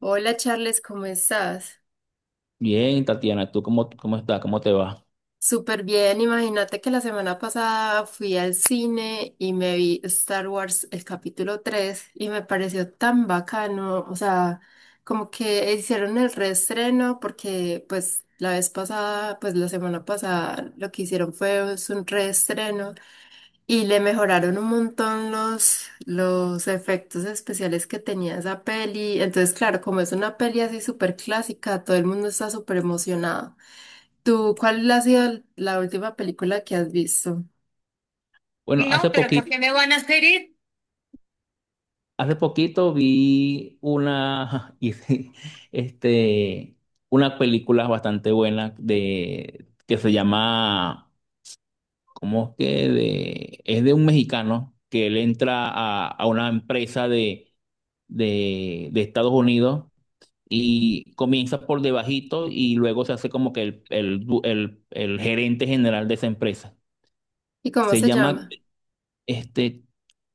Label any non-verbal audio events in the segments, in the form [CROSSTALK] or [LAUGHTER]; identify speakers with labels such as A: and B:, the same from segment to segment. A: Hola, Charles, ¿cómo estás?
B: Bien, Tatiana, ¿tú cómo estás? ¿Cómo te va?
A: Súper bien, imagínate que la semana pasada fui al cine y me vi Star Wars el capítulo 3 y me pareció tan bacano, o sea, como que hicieron el reestreno porque pues la vez pasada, pues la semana pasada lo que hicieron fue es un reestreno y le mejoraron un montón los efectos especiales que tenía esa peli, entonces claro, como es una peli así súper clásica, todo el mundo está súper emocionado. ¿Tú cuál ha sido la última película que has visto?
B: Bueno,
A: No, pero ¿por qué me van a hacer ir?
B: hace poquito vi una, [LAUGHS] y sí, este, una película bastante buena que se llama, ¿cómo es que? Es de un mexicano que él entra a una empresa de Estados Unidos y comienza por debajito y luego se hace como que el, du- el gerente general de esa empresa.
A: ¿Y cómo
B: Se
A: se
B: llama.
A: llama?
B: Este,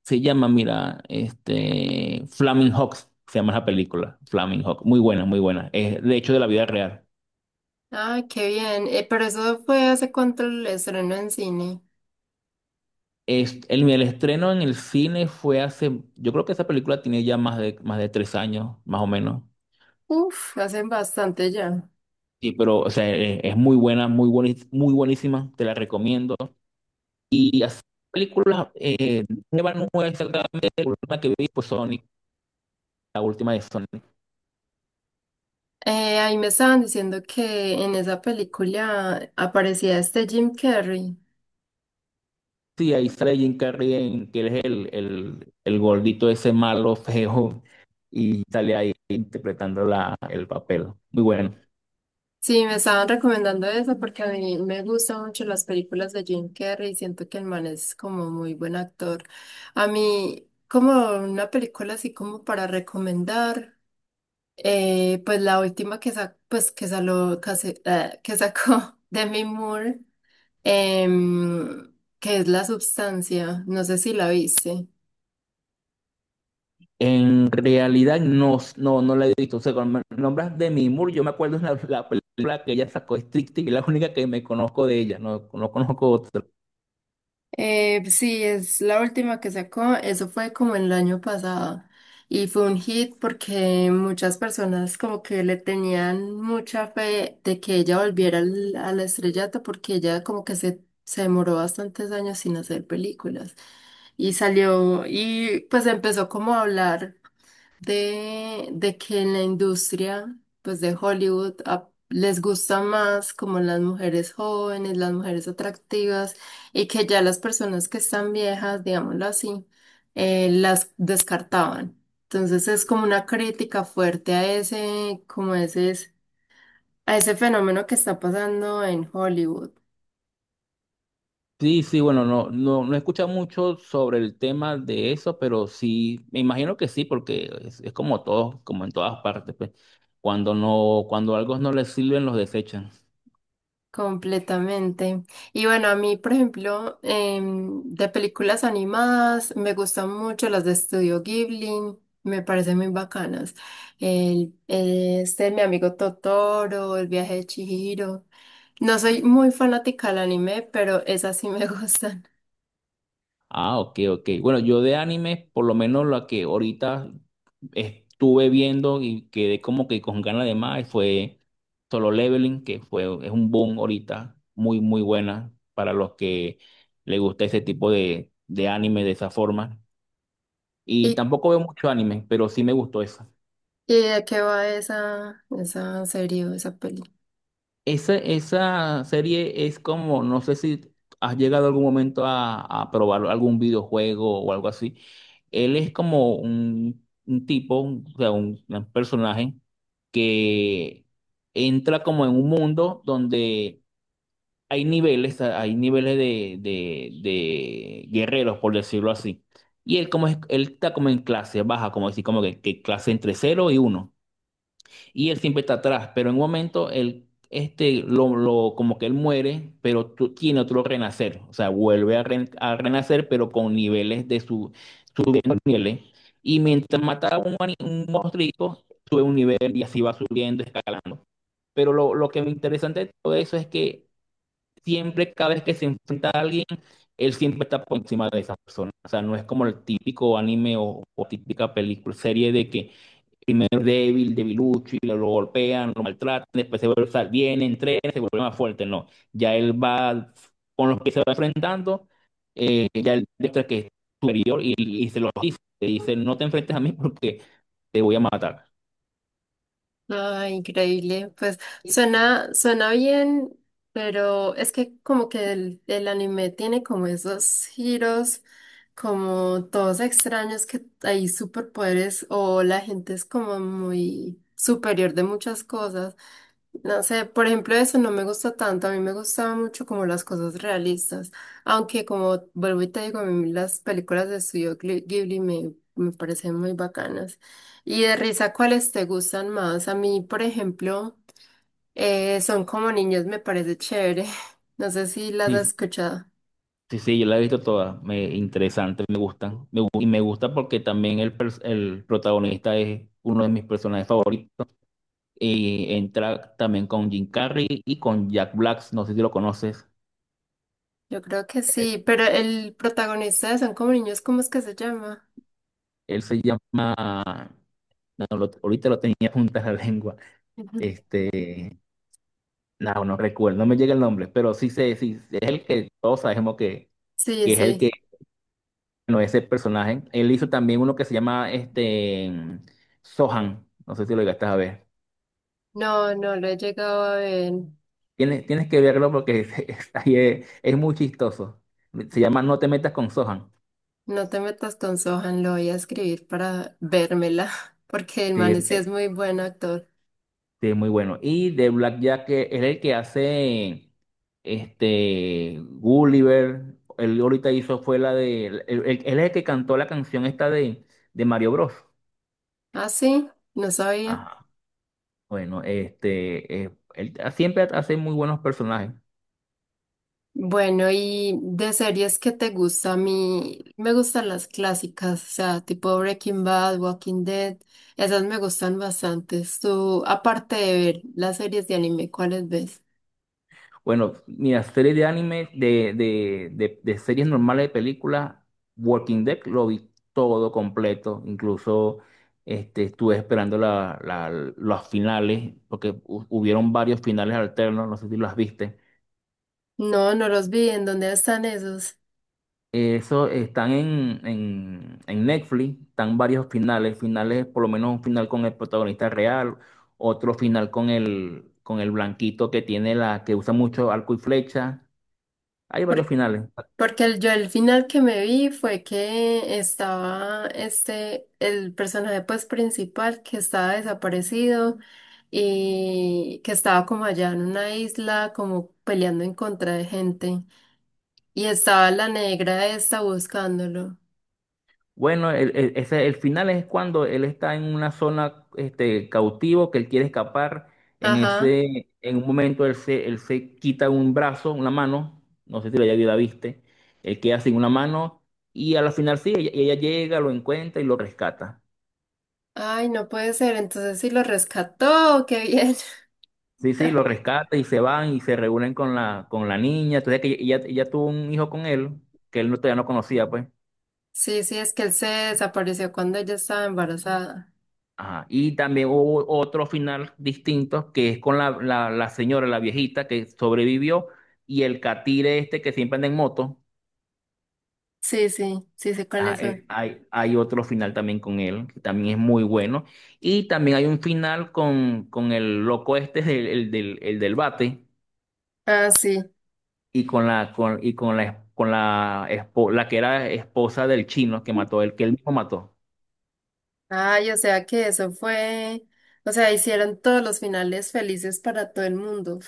B: se llama, mira, este Flaming Hawks, se llama la película, Flaming Hawk, muy buena, muy buena. Es de hecho de la vida real.
A: Ah, qué bien. Pero eso fue hace cuánto el estreno en cine.
B: Es, el estreno en el cine fue hace, yo creo que esa película tiene ya más más de tres años, más o menos.
A: Uf, hacen bastante ya.
B: Sí, pero o sea, es, muy buena, muy buenísima, te la recomiendo. Y así, películas, nueva, no exactamente la última que vi, pues Sonic, la última de Sonic.
A: Ahí me estaban diciendo que en esa película aparecía este Jim Carrey.
B: Sí, ahí sale Jim Carrey, en- que él es el gordito ese malo, feo, y sale ahí interpretando el papel. Muy bueno.
A: Sí, me estaban recomendando eso porque a mí me gustan mucho las películas de Jim Carrey y siento que el man es como muy buen actor. A mí, como una película así como para recomendar, pues la última que, pues que, que sacó [LAUGHS] Demi Moore, em, que es La Substancia, no sé si la viste.
B: En realidad no, no, no la he visto. O sea, cuando me nombras de Demi Moore, yo me acuerdo de la película que ella sacó, Strictly, que es la única que me conozco de ella, no, no conozco otra.
A: Sí, es la última que sacó, eso fue como el año pasado y fue un hit porque muchas personas como que le tenían mucha fe de que ella volviera al estrellato porque ella como que se demoró bastantes años sin hacer películas y salió y pues empezó como a hablar de que en la industria, pues de Hollywood, les gusta más como las mujeres jóvenes, las mujeres atractivas, y que ya las personas que están viejas, digámoslo así, las descartaban. Entonces es como una crítica fuerte a ese, como ese, a ese fenómeno que está pasando en Hollywood.
B: Sí, sí, bueno, no, no, no he escuchado mucho sobre el tema de eso, pero sí, me imagino que sí, porque es como todo, como en todas partes, pues. Cuando no, cuando algo no les sirven, los desechan.
A: Completamente. Y bueno, a mí, por ejemplo, de películas animadas, me gustan mucho las de Estudio Ghibli, me parecen muy bacanas. Mi amigo Totoro, El viaje de Chihiro. No soy muy fanática del anime, pero esas sí me [LAUGHS] gustan.
B: Ah, ok, ok. Bueno, yo de anime, por lo menos la que ahorita estuve viendo y quedé como que con ganas de más, fue Solo Leveling, que fue, es un boom ahorita, muy, muy buena para los que les gusta ese tipo de anime de esa forma. Y
A: ¿Y,
B: tampoco veo mucho anime, pero sí me gustó esa.
A: y de qué va esa, esa serie o esa película?
B: Esa serie es como, no sé si has llegado algún momento a probar algún videojuego o algo así. Él es como un tipo, o sea, un personaje que entra como en un mundo donde hay niveles de guerreros, por decirlo así. Y él como es, él está como en clase baja, como decir, como que clase entre cero y uno y él siempre está atrás, pero en un momento él, este, como que él muere, pero tú, tiene otro renacer, o sea, vuelve a, a renacer, pero con niveles de su, subiendo niveles, y mientras mataba a un, un monstruito, sube un nivel y así va subiendo, escalando. Pero lo que me interesante de todo eso es que siempre, cada vez que se enfrenta a alguien, él siempre está por encima de esa persona. O sea, no es como el típico anime o típica película, serie de que primero es débil, debilucho, y lo, golpean, lo maltratan, después se vuelve, o sea, viene, entrena, se vuelve más fuerte, no. Ya él va con los que se va enfrentando, ya él demuestra que es superior y se lo dice, te dice, no te enfrentes a mí porque te voy a matar.
A: Ay, increíble. Pues suena, suena bien, pero es que como que el anime tiene como esos giros, como todos extraños que hay superpoderes o la gente es como muy superior de muchas cosas. No sé, por ejemplo, eso no me gusta tanto. A mí me gustaban mucho como las cosas realistas. Aunque como vuelvo y te digo, a mí las películas de Ghibli me, me parecen muy bacanas. Y de risa, ¿cuáles te gustan más? A mí, por ejemplo, Son como niños me parece chévere. [LAUGHS] No sé si las
B: Sí,
A: has escuchado.
B: sí, sí, yo la he visto todas, me, interesante, me gustan, me, y me gusta porque también el, el protagonista es uno de mis personajes favoritos, y entra también con Jim Carrey y con Jack Black, no sé si lo conoces.
A: Yo creo que
B: eh,
A: sí, pero el protagonista de Son como niños, ¿cómo es que se llama?
B: Él se llama, no, no, lo- ahorita lo tenía [LAUGHS] junto a la lengua.
A: Ujú.
B: Este, no, no recuerdo, no me llega el nombre, pero sí sé, sí, es el que todos sabemos
A: Sí,
B: que es el que,
A: sí.
B: no es el personaje. Él hizo también uno que se llama este Sohan, no sé si lo llegaste a ver.
A: No, no lo he llegado a ver.
B: Tienes, tienes que verlo porque [LAUGHS] es, ahí es muy chistoso. Se llama No te metas con Sohan.
A: No te metas con Sohan, lo voy a escribir para vérmela, [LAUGHS] porque el
B: Sí,
A: man sí es muy buen actor.
B: sí, muy bueno. Y de Blackjack que es el que hace este Gulliver. Él ahorita hizo fue la de. Él, él es el que cantó la canción esta de Mario Bros.
A: Ah, sí, no sabía.
B: Ajá. Bueno, este él siempre hace muy buenos personajes.
A: Bueno, y de series que te gusta a mí, me gustan las clásicas, o sea, tipo Breaking Bad, Walking Dead, esas me gustan bastante. Tú, aparte de ver las series de anime, ¿cuáles ves?
B: Bueno, mira, series de anime, de series normales de películas, Walking Dead lo vi todo completo, incluso este, estuve esperando los finales, porque hubieron varios finales alternos, no sé si los viste.
A: No, no los vi, ¿en dónde están esos?
B: Eso están en Netflix, están varios finales, finales, por lo menos un final con el protagonista real, otro final con el blanquito que tiene la, que usa mucho arco y flecha. Hay varios finales.
A: Porque yo el final que me vi fue que estaba este, el personaje pues principal que estaba desaparecido y que estaba como allá en una isla como peleando en contra de gente y estaba la negra esta buscándolo.
B: Bueno, el final es cuando él está en una zona este, cautivo, que él quiere escapar. En
A: Ajá.
B: ese, en un momento él se quita un brazo, una mano, no sé si la, ya la viste, él queda sin una mano y a la final sí, ella llega, lo encuentra y lo rescata.
A: Ay, no puede ser, entonces sí lo rescató, qué bien. [LAUGHS]
B: Sí, sí, lo rescata y se van y se reúnen con la niña. Entonces que ella tuvo un hijo con él, que él no, todavía no conocía, pues.
A: Sí, sí, es que él se desapareció cuando ella estaba embarazada.
B: Ajá. Y también hubo otro final distinto que es con la señora, la viejita que sobrevivió y el catire este que siempre anda en moto.
A: Sí, sí, sí sé
B: Ah,
A: cuáles son.
B: sí. Hay otro final también con él, que también es muy bueno. Y también hay un final con el loco este, el del bate,
A: Ah, sí.
B: y con la, con, y con la, la que era esposa del chino que mató, el que él mismo mató.
A: Ay, o sea que eso fue, o sea, hicieron todos los finales felices para todo el mundo.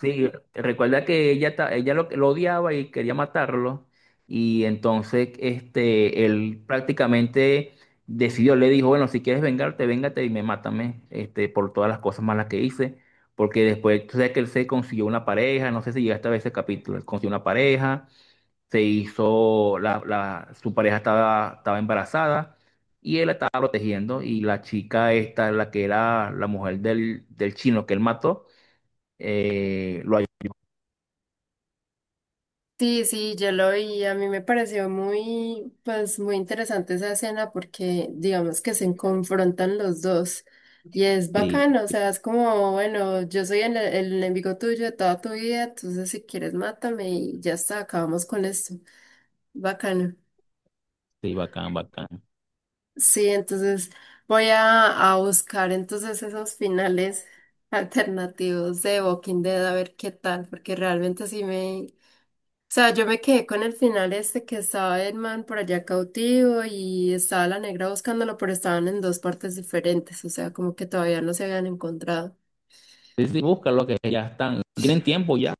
B: Sí, recuerda que ella, ella lo odiaba y quería matarlo. Y entonces este, él prácticamente decidió, le dijo, bueno, si quieres vengarte, véngate y me mátame este, por todas las cosas malas que hice. Porque después, tú sabes que él se consiguió una pareja, no sé si llegaste a ver ese capítulo, él consiguió una pareja, se hizo, su pareja estaba, estaba embarazada y él la estaba protegiendo y la chica esta, la que era la mujer del chino que él mató, lo.
A: Sí, sí, yo lo vi, a mí me pareció muy, pues muy interesante esa escena porque digamos que se confrontan los dos y es
B: Sí,
A: bacano, o sea, es como, bueno, yo soy el enemigo tuyo de toda tu vida, entonces si quieres mátame y ya está, acabamos con esto. Bacano.
B: sí, bacán, bacán.
A: Sí, entonces voy a buscar entonces esos finales [LAUGHS] alternativos de Walking Dead a ver qué tal, porque realmente sí me... O sea, yo me quedé con el final este que estaba Edman por allá cautivo y estaba la negra buscándolo, pero estaban en dos partes diferentes, o sea, como que todavía no se habían encontrado.
B: Sí, sí, búscalo que ya están. ¿Tienen tiempo ya?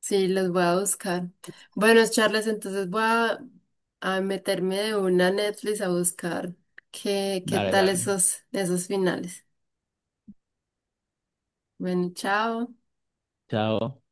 A: Sí, los voy a buscar. Bueno, Charles, entonces voy a meterme de una a Netflix a buscar qué, qué
B: Dale,
A: tal
B: dale.
A: esos, esos finales. Bueno, chao.
B: Chao.